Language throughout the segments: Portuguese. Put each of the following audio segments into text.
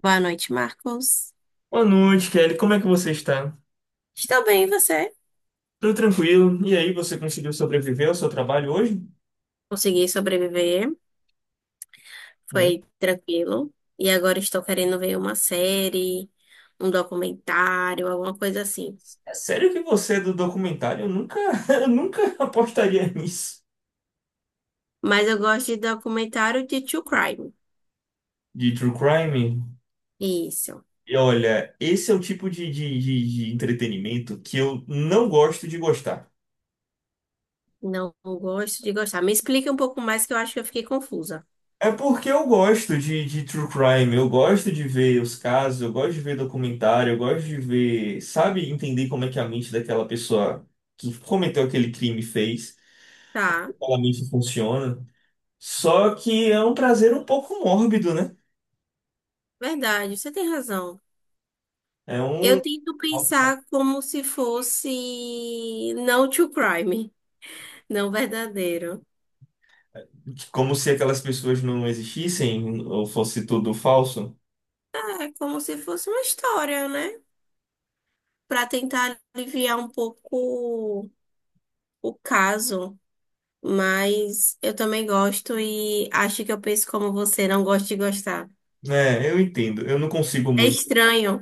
Boa noite, Marcos. Boa noite, Kelly. Como é que você está? Estou bem, e você? Tudo tranquilo? E aí, você conseguiu sobreviver ao seu trabalho hoje? Consegui sobreviver, Né? foi tranquilo. E agora estou querendo ver uma série, um documentário, alguma coisa assim. É sério que você é do documentário? Eu nunca, eu nunca apostaria nisso. Mas eu gosto de documentário de true crime. De true crime? Isso. E olha, esse é o tipo de entretenimento que eu não gosto de gostar. Não gosto de gostar. Me explica um pouco mais que eu acho que eu fiquei confusa. É porque eu gosto de true crime, eu gosto de ver os casos, eu gosto de ver documentário, eu gosto de ver, sabe, entender como é que é a mente daquela pessoa que cometeu aquele crime fez. Tá, Claramente funciona. Só que é um prazer um pouco mórbido, né? verdade, você tem razão. É um. Eu tento pensar como se fosse não true crime, não verdadeiro. Como se aquelas pessoas não existissem ou fosse tudo falso. É como se fosse uma história, né? Para tentar aliviar um pouco o caso. Mas eu também gosto e acho que eu penso como você, não gosto de gostar. É, eu entendo. Eu não consigo É muito. estranho.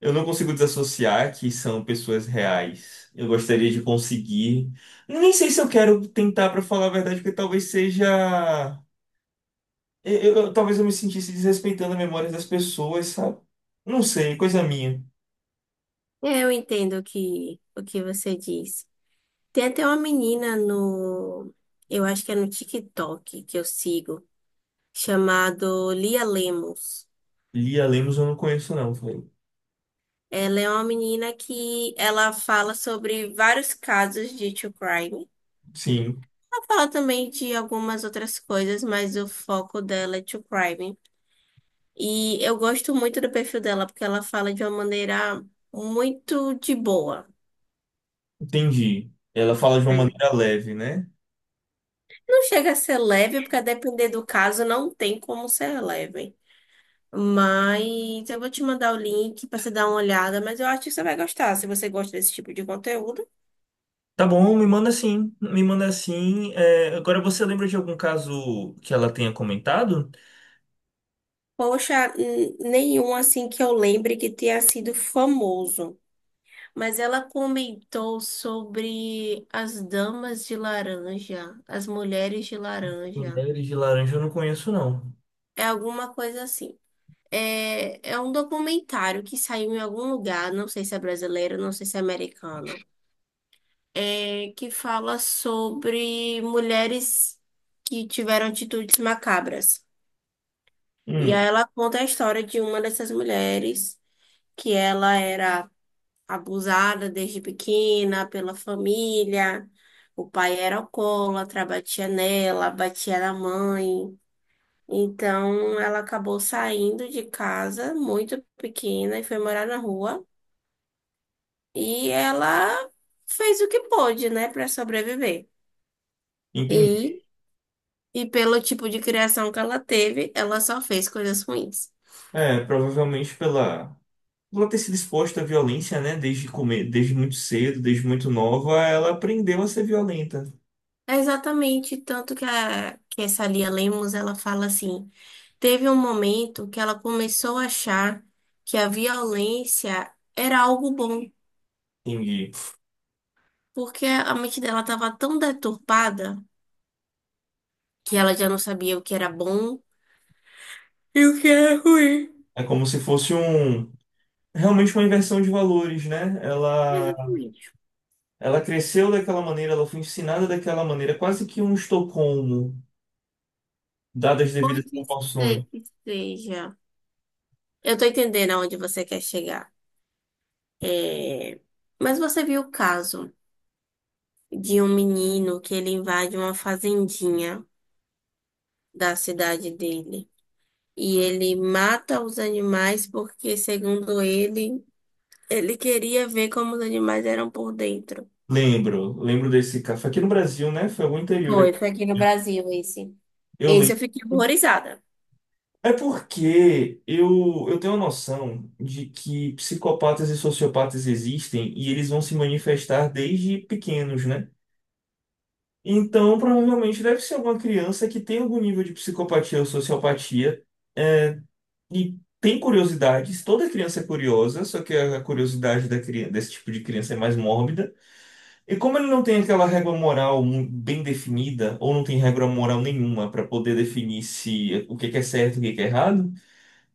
Eu não consigo desassociar que são pessoas reais. Eu gostaria de conseguir. Nem sei se eu quero tentar para falar a verdade, porque talvez seja. Talvez eu me sentisse desrespeitando a memória das pessoas, sabe? Não sei, coisa minha. É, eu entendo o que você diz. Tem até uma menina no, eu acho que é no TikTok que eu sigo, chamado Lia Lemos. Lia Lemos eu não conheço, não. Foi. Ela é uma menina que ela fala sobre vários casos de true crime. Sim. Ela fala também de algumas outras coisas, mas o foco dela é true crime. E eu gosto muito do perfil dela, porque ela fala de uma maneira muito de boa. Entendi. Ela fala de uma Hum. maneira leve, né? Não chega a ser leve, porque a depender do caso não tem como ser leve. Mas eu vou te mandar o link para você dar uma olhada, mas eu acho que você vai gostar. Se você gosta desse tipo de conteúdo, Tá bom, me manda sim, me manda sim. É, agora você lembra de algum caso que ela tenha comentado? poxa, nenhum assim que eu lembre que tenha sido famoso. Mas ela comentou sobre as damas de laranja, as mulheres de laranja. Mulheres de laranja eu não conheço, não. É alguma coisa assim. É um documentário que saiu em algum lugar, não sei se é brasileiro, não sei se é americano, que fala sobre mulheres que tiveram atitudes macabras. E Hum, aí ela conta a história de uma dessas mulheres, que ela era abusada desde pequena pela família. O pai era alcoólatra, batia nela, batia na mãe. Então ela acabou saindo de casa muito pequena e foi morar na rua. E ela fez o que pôde, né, para sobreviver. entendi. E, e pelo tipo de criação que ela teve, ela só fez coisas ruins. Provavelmente pela ter sido exposta à violência, né? Desde comer, desde muito cedo, desde muito nova, ela aprendeu a ser violenta. É exatamente tanto que, que essa Lia Lemos ela fala assim. Teve um momento que ela começou a achar que a violência era algo bom, Entendi. porque a mente dela estava tão deturpada que ela já não sabia o que era bom e o que era ruim. É como se fosse um realmente uma inversão de valores, né? Exatamente. Ela cresceu daquela maneira, ela foi ensinada daquela maneira, quase que um Estocolmo, dadas as Pode devidas ser proporções. que seja. Eu tô entendendo aonde você quer chegar. É, mas você viu o caso de um menino que ele invade uma fazendinha da cidade dele. E ele mata os animais porque, segundo ele, ele queria ver como os animais eram por dentro. Lembro, lembro desse caso. Foi aqui no Brasil, né? Foi algum interior Foi, aqui. foi aqui no Brasil esse. Eu Esse eu lembro. fiquei horrorizada. É porque eu tenho a noção de que psicopatas e sociopatas existem e eles vão se manifestar desde pequenos, né? Então, provavelmente deve ser alguma criança que tem algum nível de psicopatia ou sociopatia, é, e tem curiosidades. Toda criança é curiosa, só que a curiosidade da criança, desse tipo de criança é mais mórbida. E como ele não tem aquela regra moral bem definida, ou não tem regra moral nenhuma para poder definir se o que que é certo e o que que é errado,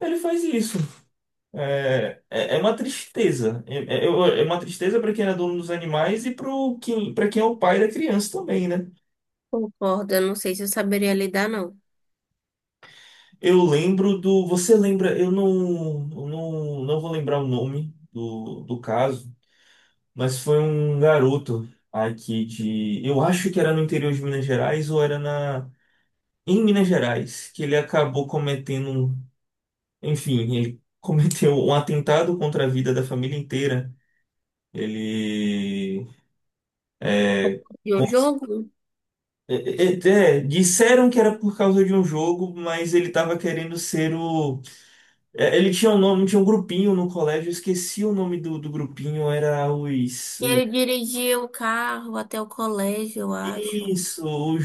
ele faz isso. É uma tristeza. É, é uma tristeza para quem é dono dos animais e para para quem é o pai da criança também, né? Concordo, eu não sei se eu saberia lidar, não. Eu lembro do. Você lembra? Eu não, não vou lembrar o nome do caso, mas foi um garoto aqui de. Eu acho que era no interior de Minas Gerais ou era na em Minas Gerais, que ele acabou cometendo, um, enfim, ele cometeu um atentado contra a vida da família inteira. Ele De o com- jogo. Disseram que era por causa de um jogo, mas ele estava querendo ser o. Ele tinha um nome, tinha um grupinho no colégio, eu esqueci o nome do grupinho, era os. E ele dirigia o carro até o colégio, eu acho. Isso, os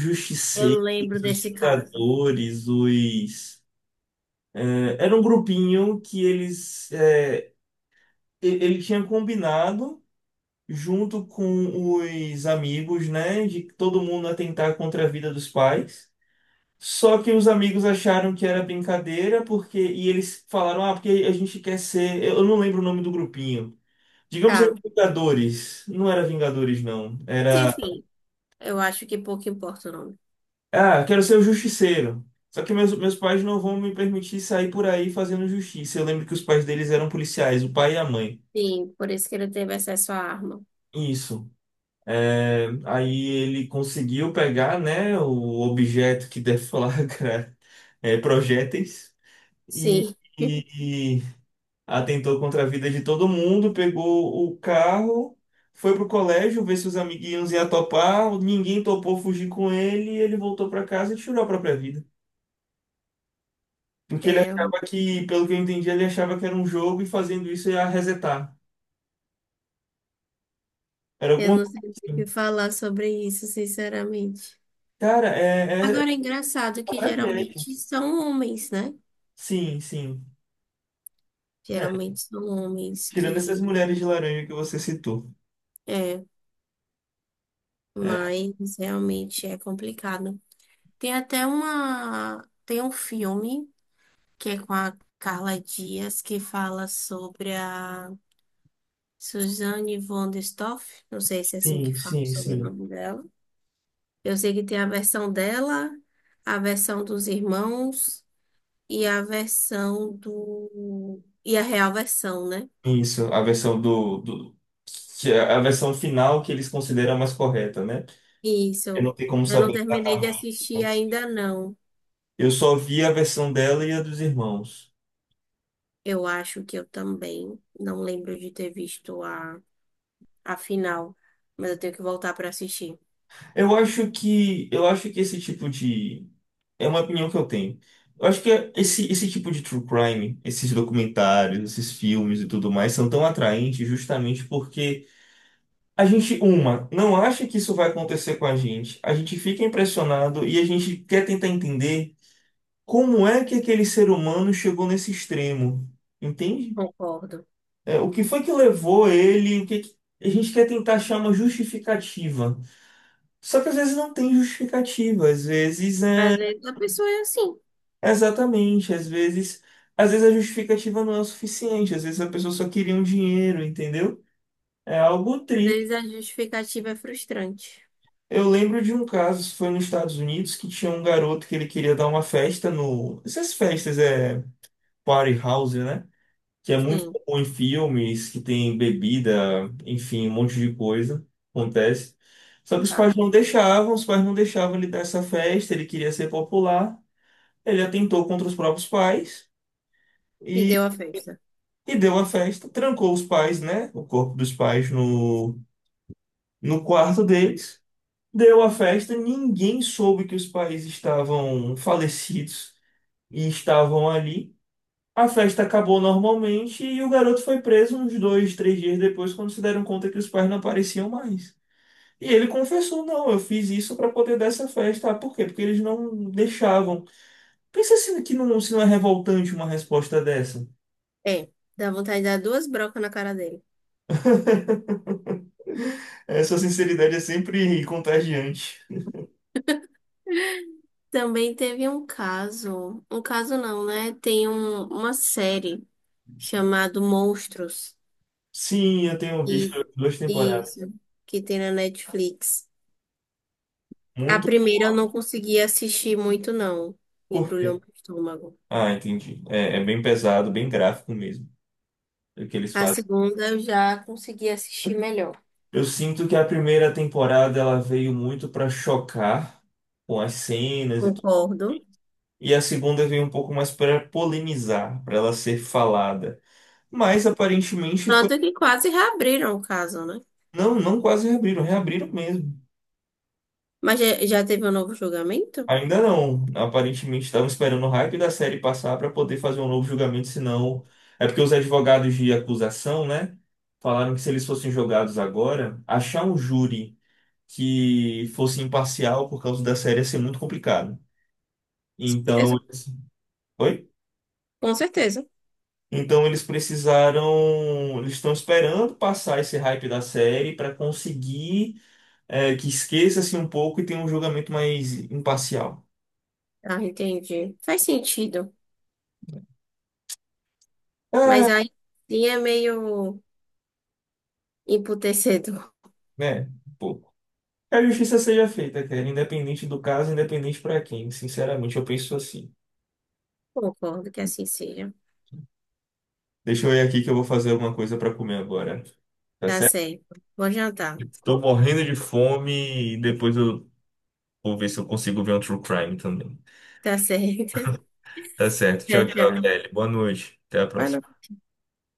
Eu Justiceiros, lembro os desse caso. Vingadores, os. é, era um grupinho que eles. Ele tinha combinado, junto com os amigos, né, de que todo mundo atentar contra a vida dos pais. Só que os amigos acharam que era brincadeira, porque e eles falaram, ah, porque a gente quer ser. Eu não lembro o nome do grupinho. Digamos Tá. aí, Mas, Vingadores. Não era Vingadores, não. Era. enfim, eu acho que pouco importa o nome. Ah, quero ser o Justiceiro. Só que meus pais não vão me permitir sair por aí fazendo justiça. Eu lembro que os pais deles eram policiais, o pai e a mãe. Sim, por isso que ele teve acesso à arma. Isso. É, aí ele conseguiu pegar, né, o objeto que deflagra projéteis e, Sim. E atentou contra a vida de todo mundo, pegou o carro, foi pro colégio ver se os amiguinhos iam topar, ninguém topou fugir com ele e ele voltou pra casa e tirou a própria vida. Porque ele É, achava que, pelo que eu entendi, ele achava que era um jogo e fazendo isso ia resetar. Era eu alguma não coisa sei o assim. que falar sobre isso, sinceramente. Cara, é Agora é engraçado que tragédia. geralmente são homens, né? Sim, sim. Geralmente são homens Tirando essas que mulheres de laranja que você citou. é, É, mas realmente é complicado. Tem até uma, tem um filme que é com a Carla Dias que fala sobre a Suzanne von der Stoff, não sei se é assim sim, que fala sim, sobre o sim. nome dela. Eu sei que tem a versão dela, a versão dos irmãos e a versão do e a real versão, né? Isso, a versão do, que é a versão final que eles consideram a mais correta, né? Eu Isso. não tenho como Eu não saber terminei de exatamente. assistir ainda não. Eu só vi a versão dela e a dos irmãos. Eu acho que eu também não lembro de ter visto a final, mas eu tenho que voltar para assistir. Eu acho que esse tipo de é uma opinião que eu tenho. Eu acho que esse tipo de true crime, esses documentários, esses filmes e tudo mais são tão atraentes justamente porque a gente, uma, não acha que isso vai acontecer com a gente. A gente fica impressionado e a gente quer tentar entender como é que aquele ser humano chegou nesse extremo. Entende? Concordo. É, o que foi que levou ele? A gente quer tentar achar uma justificativa. Só que às vezes não tem justificativa. Às vezes Às é vezes a pessoa é assim. exatamente. Às vezes a justificativa não é o suficiente. Às vezes a pessoa só queria um dinheiro, entendeu? É algo Às triste. vezes a justificativa é frustrante. Eu lembro de um caso, isso foi nos Estados Unidos, que tinha um garoto que ele queria dar uma festa no. Essas festas é party house, né? Que é muito Sim, comum em filmes, que tem bebida, enfim, um monte de coisa. Acontece. Só que tá. Os pais não deixavam ele dar essa festa, ele queria ser popular. Ele atentou contra os próprios pais E deu e, a festa. Deu a festa, trancou os pais, né? O corpo dos pais no, no quarto deles. Deu a festa, ninguém soube que os pais estavam falecidos e estavam ali. A festa acabou normalmente e o garoto foi preso uns dois, três dias depois, quando se deram conta que os pais não apareciam mais. E ele confessou: não, eu fiz isso para poder dar essa festa. Ah, por quê? Porque eles não deixavam. Pensa se, que não, se não é revoltante uma resposta dessa. É, dá vontade de dar duas brocas na cara dele. Essa sinceridade é sempre contagiante. Também teve um caso não, né? Tem uma série chamada Monstros, Sim, eu tenho e visto duas isso, temporadas. que tem na Netflix. A Muito primeira eu não consegui assistir muito, não. por. Embrulhou meu estômago. Ah, entendi. É, é bem pesado, bem gráfico mesmo, o que eles A fazem. segunda eu já consegui assistir melhor. Eu sinto que a primeira temporada ela veio muito para chocar com as cenas e tudo. Concordo. E a segunda veio um pouco mais para polemizar, para ela ser falada. Mas aparentemente foi. Tanto que quase reabriram o caso, né? Não, não quase reabriram, reabriram mesmo. Mas já, já teve um novo julgamento? Ainda não. Aparentemente estavam esperando o hype da série passar para poder fazer um novo julgamento, senão. É porque os advogados de acusação, né? Falaram que se eles fossem jogados agora, achar um júri que fosse imparcial por causa da série ser muito complicado. Então, Exa- eles- Oi? Com certeza. Então eles precisaram, eles estão esperando passar esse hype da série para conseguir, que esqueça-se um pouco e tenha um julgamento mais imparcial. Ah, entendi. Faz sentido. É, Mas aí sim é meio emputecedor. né? Um pouco. Que a justiça seja feita, cara, independente do caso, independente para quem. Sinceramente, eu penso assim. Concordo que assim seja. Deixa eu ir aqui que eu vou fazer alguma coisa para comer agora, tá Tá certo? certo. Vou jantar. Estou morrendo de fome e depois eu vou ver se eu consigo ver um true crime também. Tá certo. Tá certo. Tchau, Tchau, tchau, tchau. Kelly. Boa noite. Até a Vai próxima. no